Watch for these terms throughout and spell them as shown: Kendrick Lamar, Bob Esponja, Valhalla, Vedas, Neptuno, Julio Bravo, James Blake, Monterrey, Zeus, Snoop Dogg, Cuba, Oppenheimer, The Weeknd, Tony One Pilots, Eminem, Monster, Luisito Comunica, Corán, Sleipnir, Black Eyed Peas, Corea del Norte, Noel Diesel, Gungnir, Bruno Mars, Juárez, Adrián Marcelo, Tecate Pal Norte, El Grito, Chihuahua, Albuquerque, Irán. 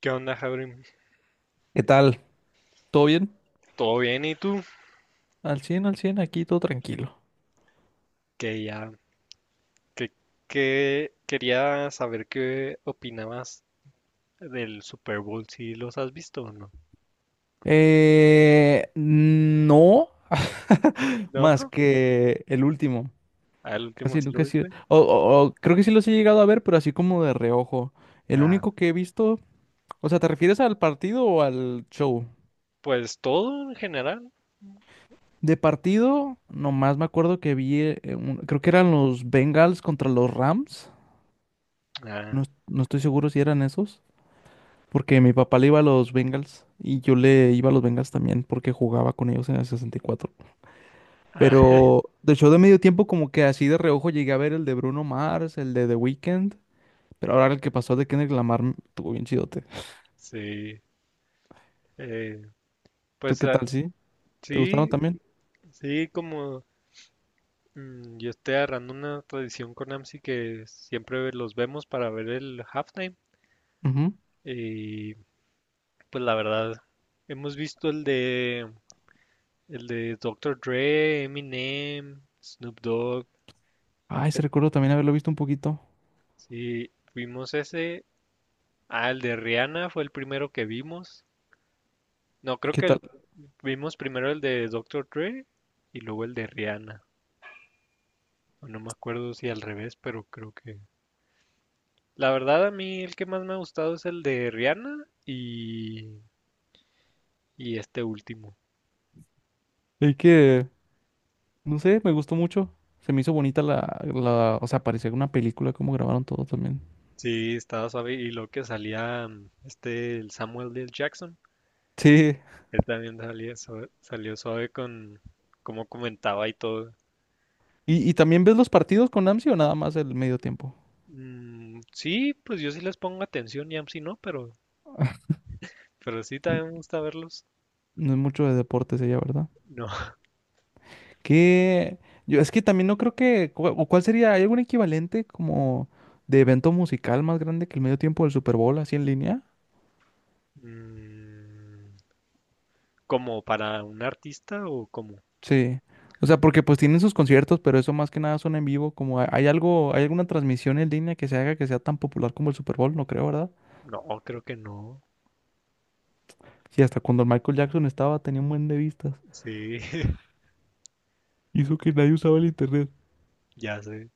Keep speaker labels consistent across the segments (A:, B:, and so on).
A: ¿Qué onda, Jabrim?
B: ¿Qué tal? ¿Todo bien?
A: ¿Todo bien? ¿Y tú?
B: Al 100, al 100. Aquí todo tranquilo.
A: Que ya, que, que quería saber qué opinabas del Super Bowl, si los has visto o no.
B: No,
A: No,
B: más que el último.
A: al último
B: Casi
A: sí
B: nunca
A: lo
B: he sido.
A: viste.
B: O creo que sí los he llegado a ver, pero así como de reojo. El
A: Ah,
B: único que he visto. O sea, ¿te refieres al partido o al show?
A: pues todo en general.
B: De partido, nomás me acuerdo que vi. Creo que eran los Bengals contra los Rams. No,
A: Ah,
B: no estoy seguro si eran esos. Porque mi papá le iba a los Bengals y yo le iba a los Bengals también porque jugaba con ellos en el 64.
A: ah,
B: Pero del show de medio tiempo como que así de reojo llegué a ver el de Bruno Mars, el de The Weeknd, pero ahora el que pasó de Kendrick Lamar, estuvo bien chidote.
A: sí. Eh,
B: ¿Tú
A: pues
B: qué
A: ah,
B: tal, sí? ¿Te gustaron
A: sí,
B: también?
A: sí, como yo estoy agarrando una tradición con AMSI que siempre los vemos para ver el halftime.
B: Ujú.
A: Y pues la verdad, hemos visto el de el de Doctor Dre, Eminem, Snoop Dogg.
B: Ay, se recuerdo también haberlo visto un poquito.
A: Sí, vimos ese. Ah, el de Rihanna fue el primero que vimos. No,
B: ¿Y
A: creo
B: qué
A: que el-
B: tal?
A: vimos primero el de Doctor Dre y luego el de Rihanna. O no me acuerdo si al revés, pero creo que… La verdad, a mí el que más me ha gustado es el de Rihanna y este último.
B: Es que, no sé, me gustó mucho. Se me hizo bonita la, o sea, parecía una película como grabaron todo también.
A: Sí, estaba suave. Y lo que salía este, el Samuel L. Jackson.
B: Sí.
A: Él también salió suave con cómo comentaba y todo.
B: ¿Y también ves los partidos con AMSI o nada más el medio tiempo?
A: Sí, pues yo sí les pongo atención y si no, pero sí también me gusta verlos.
B: No es mucho de deportes ella, ¿verdad?
A: No.
B: Que yo es que también no creo que o cuál sería. ¿Hay algún equivalente como de evento musical más grande que el medio tiempo del Super Bowl así en línea?
A: Mm, ¿como para un artista o como?
B: Sí. O sea, porque pues tienen sus conciertos, pero eso más que nada son en vivo, como hay algo, hay alguna transmisión en línea que se haga que sea tan popular como el Super Bowl, no creo, ¿verdad?
A: No, creo que no.
B: Sí, hasta cuando el Michael Jackson estaba tenía un buen de vistas.
A: Sí,
B: Hizo que nadie usaba el internet.
A: ya sé.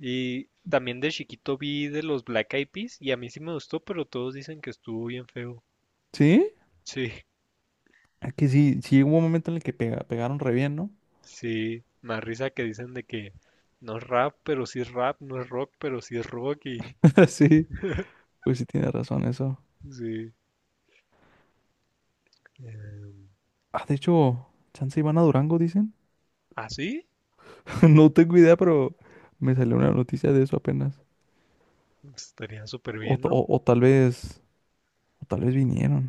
A: Y también de chiquito vi de los Black Eyed Peas y a mí sí me gustó, pero todos dicen que estuvo bien feo.
B: ¿Sí?
A: Sí,
B: Es que sí, sí hubo un momento en el que pegaron re bien, ¿no?
A: sí, más risa que dicen de que no es rap, pero sí es rap, no es rock, pero sí es rock y
B: Sí, pues sí tiene razón eso.
A: sí.
B: Ah, de hecho, chance iban a Durango, dicen.
A: ¿Así?
B: No tengo idea, pero me salió una noticia de eso apenas.
A: Estaría súper
B: O,
A: bien,
B: ta-
A: ¿no?
B: o- o tal vez, o tal vez vinieron.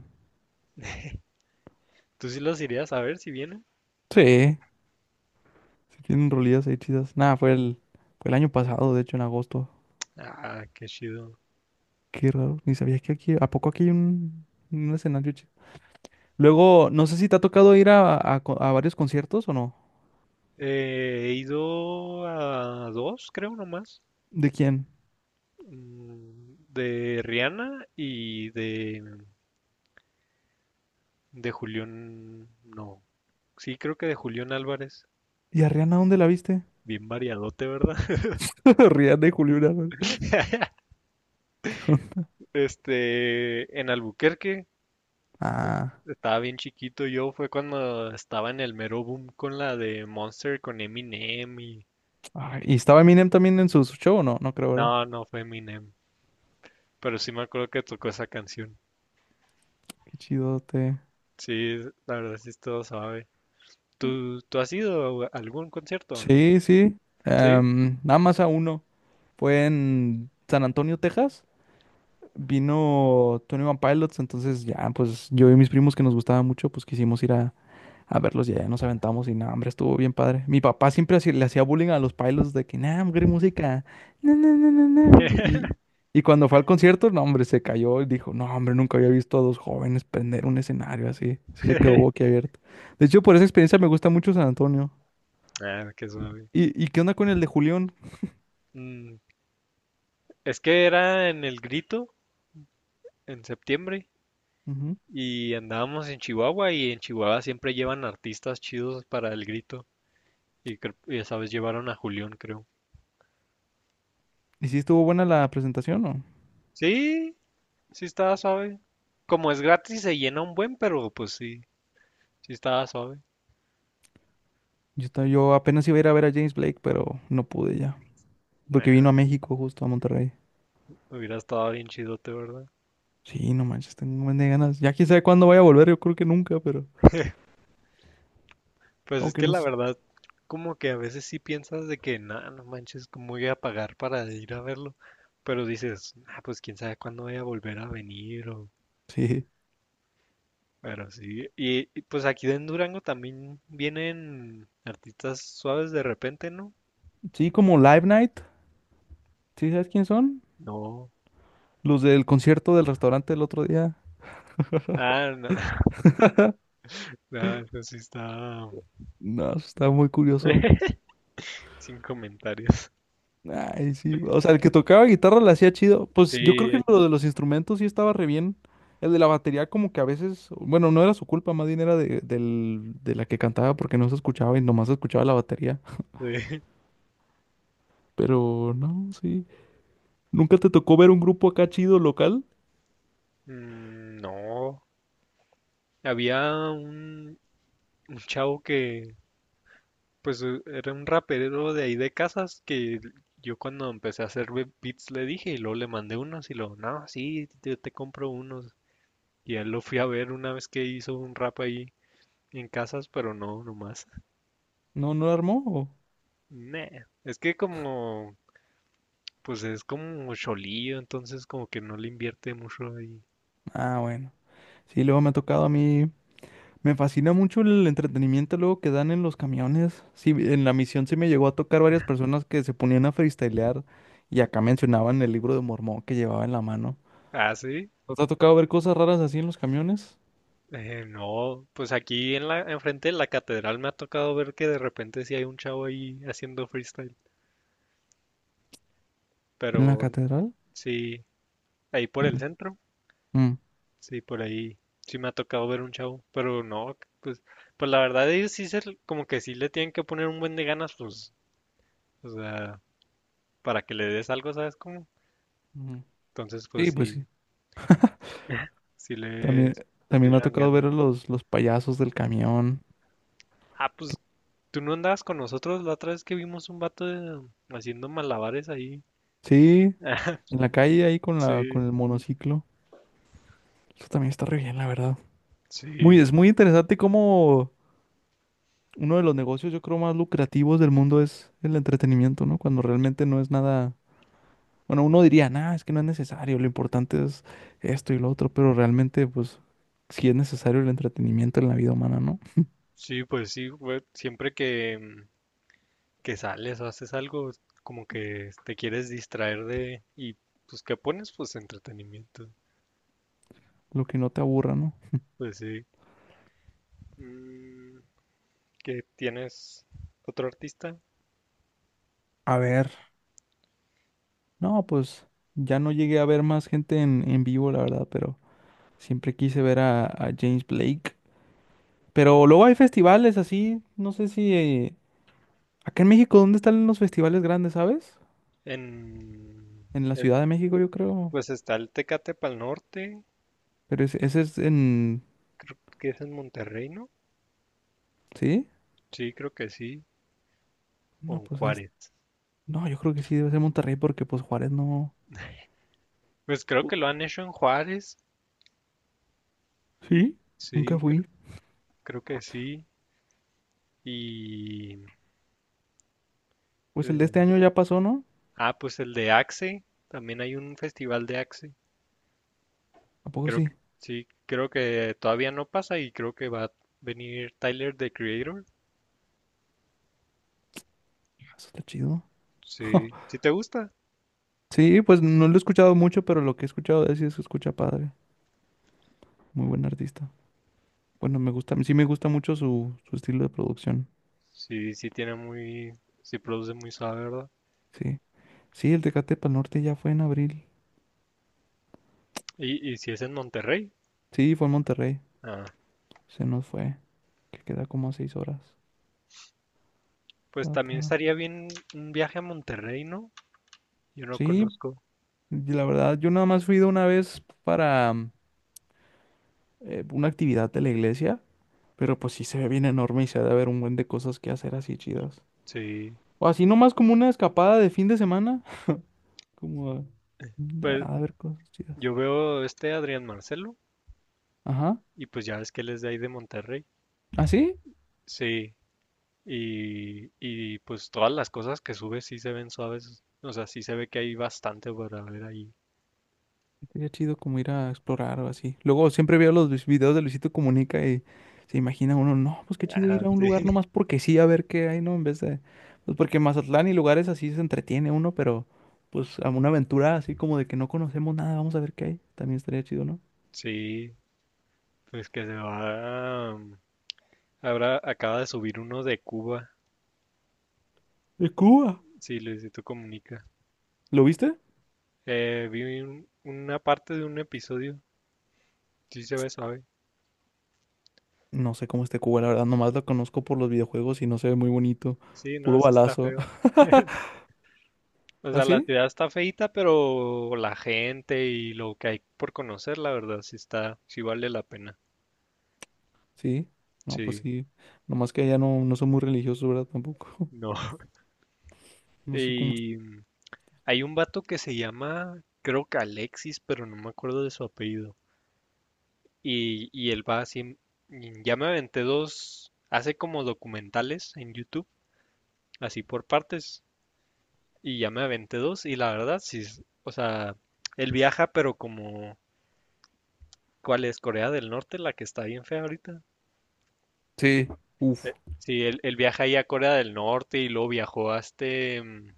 A: ¿Tú sí los irías a ver si vienen?
B: Sí, sí tienen rolillas ahí chidas. Nada, fue el año pasado, de hecho, en agosto.
A: Ah, qué chido.
B: Qué raro, ni sabía que aquí, ¿a poco aquí hay un escenario chido? Luego, no sé si te ha tocado ir a varios conciertos o no.
A: He ido a dos, creo nomás.
B: ¿De quién?
A: De Rihanna y de de Julián. No. Sí, creo que de Julián Álvarez.
B: ¿Y a Rihanna dónde la viste?
A: Bien variadote, ¿verdad?
B: Rihanna y Julio Bravo.
A: Este, en Albuquerque.
B: Ah,
A: Estaba bien chiquito yo, fue cuando estaba en el mero boom con la de Monster con Eminem y…
B: ay, ¿y estaba Eminem también en su show o no? No creo, ¿verdad?
A: No, no fue Eminem, pero sí me acuerdo que tocó esa canción.
B: Qué chidote.
A: Sí, la verdad sí es todo suave. ¿Tú has ido a algún concierto o no?
B: Sí, sí.
A: ¿Sí?
B: Nada más a uno. Fue en San Antonio, Texas. Vino Tony One Pilots, entonces ya, pues yo y mis primos que nos gustaba mucho, pues quisimos ir a verlos y ya nos aventamos y nada, hombre, estuvo bien padre. Mi papá siempre le hacía bullying a los Pilots de que, nah, hombre, música. No, no, no, no, no". Y cuando fue al concierto, no, hombre, se cayó y dijo, no, hombre, nunca había visto a dos jóvenes prender un escenario así. Sí se quedó boquiabierto. De hecho, por esa experiencia me gusta mucho San Antonio.
A: Ah, qué suave.
B: ¿Y qué onda con el de Julián?
A: Mm, es que era en El Grito, en septiembre, y andábamos en Chihuahua, y en Chihuahua siempre llevan artistas chidos para El Grito, y, y esa vez llevaron a Julián, creo.
B: ¿Y si estuvo buena la presentación o?
A: Sí, sí estaba suave. Como es gratis, se llena un buen, pero pues sí, sí estaba suave.
B: Yo, yo apenas iba a ir a ver a James Blake, pero no pude ya. Porque
A: Nah,
B: vino a México, justo a Monterrey.
A: hubiera estado bien chidote, ¿verdad?
B: Sí, no manches, tengo un buen de ganas. Ya quién sabe cuándo vaya a volver, yo creo que nunca, pero.
A: Pues es
B: Aunque
A: que
B: no
A: la
B: sé.
A: verdad, como que a veces sí piensas de que, no, no manches, ¿cómo voy a pagar para ir a verlo? Pero dices, ah, pues quién sabe cuándo voy a volver a venir o…
B: Sí.
A: Pero sí, pues aquí en Durango también vienen artistas suaves de repente, ¿no?
B: Sí, como Live Night. ¿Sí sabes quién son?
A: No.
B: Los del concierto del restaurante del otro día.
A: Ah, no, no, eso sí está
B: No, eso está muy curioso.
A: sin comentarios.
B: Ay, sí. O sea, el que tocaba guitarra la hacía chido. Pues yo
A: Sí,
B: creo que lo de los instrumentos sí estaba re bien. El de la batería como que a veces, bueno, no era su culpa, más bien era de, de la que cantaba porque no se escuchaba y nomás se escuchaba la batería.
A: sí.
B: Pero no, sí. ¿Nunca te tocó ver un grupo acá chido local?
A: Mm, no. Había un, un chavo que pues era un rapero de ahí de Casas que yo cuando empecé a hacer beats le dije y luego le mandé unos y luego, no, sí, yo te compro unos. Y él lo fui a ver una vez que hizo un rap ahí en Casas, pero no, nomás.
B: ¿No, no lo armó? O?
A: Nah. Pues es como cholillo, entonces como que no le invierte mucho ahí.
B: Ah, bueno. Sí, luego me ha tocado a mí. Me fascina mucho el entretenimiento luego que dan en los camiones. Sí, en la misión sí me llegó a tocar varias personas que se ponían a freestylear y acá mencionaban el libro de Mormón que llevaba en la mano.
A: Ah, sí.
B: ¿Nos ha tocado ver cosas raras así en los camiones?
A: No, pues aquí en la, enfrente de la catedral me ha tocado ver que de repente sí hay un chavo ahí haciendo freestyle,
B: ¿En la
A: pero
B: catedral?
A: sí, ahí por el
B: Mm,
A: centro.
B: mm,
A: Sí, por ahí sí me ha tocado ver un chavo, pero no, pues, pues la verdad ellos sí se, como que sí le tienen que poner un buen de ganas, pues, o sea, para que le des algo, ¿sabes cómo?
B: ujú.
A: Entonces, pues
B: Sí, pues sí.
A: sí, sí le,
B: También,
A: le
B: también me ha
A: echan
B: tocado
A: ganas.
B: ver a los payasos del camión.
A: Ah, pues,
B: Que-
A: ¿tú no andabas con nosotros la otra vez que vimos un vato haciendo malabares ahí?
B: sí, en la calle ahí con con
A: Sí,
B: el monociclo. Eso también está re bien, la verdad. Muy,
A: sí,
B: es muy interesante cómo uno de los negocios, yo creo, más lucrativos del mundo es el entretenimiento, ¿no? Cuando realmente no es nada, bueno, uno diría, nada, es que no es necesario, lo importante es esto y lo otro, pero realmente, pues, sí es necesario el entretenimiento en la vida humana, ¿no?
A: sí, pues sí, güey, siempre que, que sales o haces algo, como que te quieres distraer de, y pues, ¿qué pones? Pues entretenimiento.
B: Lo que no te aburra, ¿no?
A: Pues sí. Mm, ¿qué tienes otro artista?
B: A ver, no, pues, ya no llegué a ver más gente en vivo, la verdad, pero siempre quise ver a James Blake. Pero luego hay festivales así, no sé si... Eh, acá en México, ¿dónde están los festivales grandes, sabes?
A: En…
B: En la
A: eh,
B: Ciudad de México, yo creo.
A: pues está el Tecate Pal Norte,
B: Pero ese es en...
A: creo que es en Monterrey, ¿no?
B: ¿Sí?
A: Sí, creo que sí. O
B: No,
A: en
B: pues es-
A: Juárez.
B: No, yo creo que sí debe ser Monterrey porque pues Juárez no...
A: Pues creo que
B: pudo.
A: lo han hecho en Juárez.
B: ¿Sí?
A: Sí,
B: Nunca
A: creo,
B: fui.
A: creo que sí. Y…
B: Pues el de este
A: eh,
B: año ya pasó, ¿no?
A: ah, pues el de Axe. También hay un festival de Axe.
B: ¿A poco
A: Creo
B: sí?
A: que sí, creo que todavía no pasa y creo que va a venir Tyler, the Creator.
B: Ah, eso está chido.
A: Sí, si te gusta.
B: Sí, pues no lo he escuchado mucho, pero lo que he escuchado de él sí se escucha padre. Muy buen artista. Bueno, me gusta, sí me gusta mucho su estilo de producción.
A: Sí, sí produce muy suave, ¿verdad?
B: Sí. Sí, el Tecate Pa'l Norte ya fue en abril.
A: Y si es en Monterrey,
B: Sí, fue en Monterrey.
A: ah,
B: Se nos fue. Que queda como a 6 horas.
A: pues
B: Ta,
A: también
B: ta.
A: estaría bien un viaje a Monterrey, ¿no? Yo no
B: Sí,
A: conozco.
B: y la verdad, yo nada más fui de una vez para una actividad de la iglesia, pero pues sí se ve bien enorme y se ha de haber un buen de cosas que hacer así chidas.
A: Sí,
B: O así nomás como una escapada de fin de semana, como a,
A: pues
B: a ver cosas chidas.
A: yo veo este Adrián Marcelo
B: Ajá.
A: y pues ya ves que él es de ahí de Monterrey.
B: ¿Así?
A: Sí, y pues todas las cosas que sube sí se ven suaves, o sea, sí se ve que hay bastante para ver ahí.
B: Sería chido como ir a explorar o así. Luego siempre veo los videos de Luisito Comunica y se imagina uno, no, pues qué chido
A: Ah,
B: ir a un
A: sí,
B: lugar nomás porque sí, a ver qué hay, ¿no? En vez de, pues porque en Mazatlán y lugares así se entretiene uno, pero pues a una aventura así como de que no conocemos nada, vamos a ver qué hay. También estaría chido, ¿no?
A: sí, pues que se va, ahora acaba de subir uno de Cuba.
B: ¡Es Cuba!
A: Sí, Luisito Comunica.
B: ¿Lo viste?
A: Vi una parte de un episodio. Sí se ve suave.
B: No sé cómo esté Cuba, la verdad, nomás lo conozco por los videojuegos y no se ve muy bonito.
A: Sí, no,
B: Puro
A: sí está
B: balazo.
A: feo. O
B: ¿Ah,
A: sea, la
B: sí?
A: ciudad está feita, pero la gente y lo que hay por conocer, la verdad, sí está, sí vale la pena.
B: Sí. No, pues
A: Sí,
B: sí. Nomás que allá no, no son muy religiosos, ¿verdad? Tampoco.
A: no.
B: No sé cómo.
A: Y hay un vato que se llama, creo que Alexis, pero no me acuerdo de su apellido. Y él va así, ya me aventé dos, hace como documentales en YouTube, así por partes. Y ya me aventé dos y la verdad, sí, o sea, él viaja, pero como, ¿cuál es? Corea del Norte, la que está bien fea ahorita.
B: Sí, uf,
A: Sí, él viaja ahí a Corea del Norte y luego viajó a este,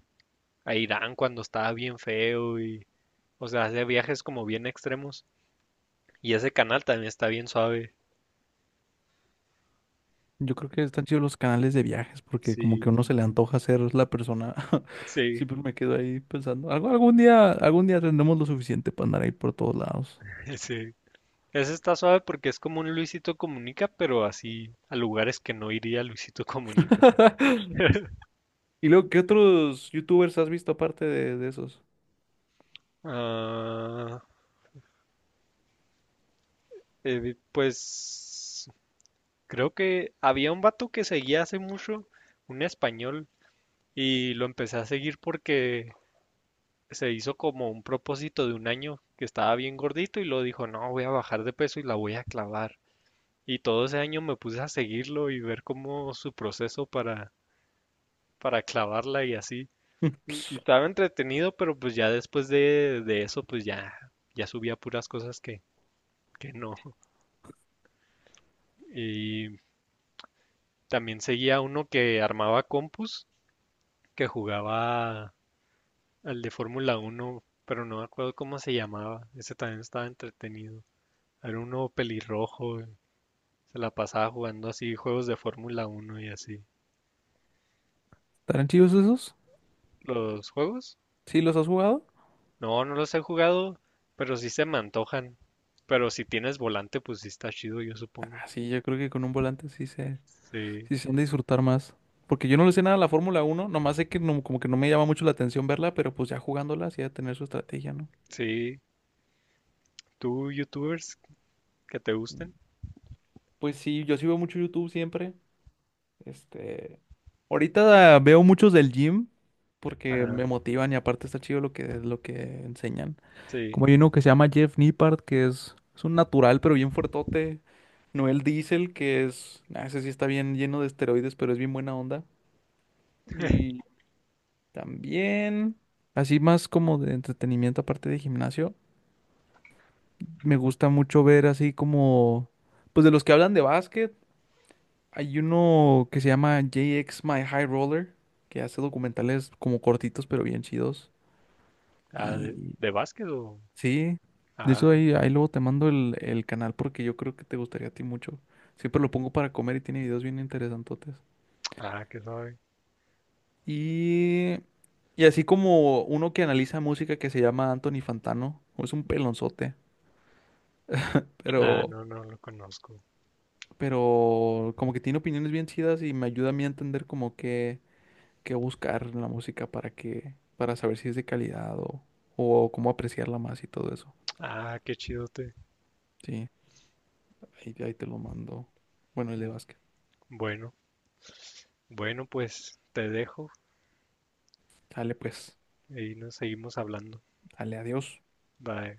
A: a Irán cuando estaba bien feo y, o sea, hace viajes como bien extremos. Y ese canal también está bien suave.
B: yo creo que están chidos los canales de viajes porque como que a
A: Sí,
B: uno se le antoja ser la persona.
A: sí,
B: Siempre me quedo ahí pensando, algo- algún día tendremos lo suficiente para andar ahí por todos lados.
A: sí. Ese está suave porque es como un Luisito Comunica, pero así a lugares que no iría Luisito Comunica.
B: ¿Y luego qué otros youtubers has visto aparte de esos?
A: Ah, pues creo que había un vato que seguía hace mucho, un español, y lo empecé a seguir porque se hizo como un propósito de un año que estaba bien gordito y lo dijo, no, voy a bajar de peso y la voy a clavar. Y todo ese año me puse a seguirlo y ver cómo su proceso para clavarla y así.
B: Hmm.
A: Y estaba entretenido, pero pues ya después de eso, pues ya, ya subía puras cosas que no. Y también seguía uno que armaba compus, que jugaba al de Fórmula uno pero no me acuerdo cómo se llamaba. Ese también estaba entretenido. Era uno pelirrojo, y se la pasaba jugando así juegos de Fórmula uno y así.
B: ¿Estarán chidos esos?
A: ¿Los juegos?
B: ¿Sí los has jugado?
A: No, no los he jugado, pero sí se me antojan. Pero si tienes volante, pues sí está chido, yo supongo.
B: Ah, sí, yo creo que con un volante
A: Sí,
B: sí se han de disfrutar más. Porque yo no le sé nada a la Fórmula 1, nomás sé que no- como que no me llama mucho la atención verla, pero pues ya jugándola sí ha de tener su estrategia, ¿no?
A: sí. ¿Tú, youtubers que te
B: Mm.
A: gusten?
B: Pues sí, yo sí veo mucho YouTube siempre. Este, ahorita veo muchos del gym porque me
A: Ah,
B: motivan y aparte está chido lo que enseñan.
A: sí.
B: Como hay uno que se llama Jeff Nippard, que es un natural pero bien fuertote. Noel Diesel, que es, ah, ese sí está bien lleno de esteroides, pero es bien buena onda. Y también, así más como de entretenimiento aparte de gimnasio, me gusta mucho ver así como, pues de los que hablan de básquet. Hay uno que se llama JX My High Roller, que hace documentales como cortitos pero bien chidos.
A: Ah,
B: Y
A: de básquet o…?
B: sí, de
A: Ah,
B: hecho ahí luego te mando el canal porque yo creo que te gustaría a ti mucho. Siempre lo pongo para comer y tiene videos bien interesantotes.
A: ah, qué sabe.
B: Y, y así como uno que analiza música que se llama Anthony Fantano, es un pelonzote,
A: Ah,
B: pero,
A: no, no lo conozco.
B: pero como que tiene opiniones bien chidas y me ayuda a mí a entender como que qué buscar en la música para que, para saber si es de calidad o cómo apreciarla más y todo eso.
A: Ah, qué chidote.
B: Sí, ahí te lo mando. Bueno, el de básquet.
A: Bueno. Bueno, pues te dejo
B: Dale pues,
A: y nos seguimos hablando.
B: dale, adiós.
A: Bye.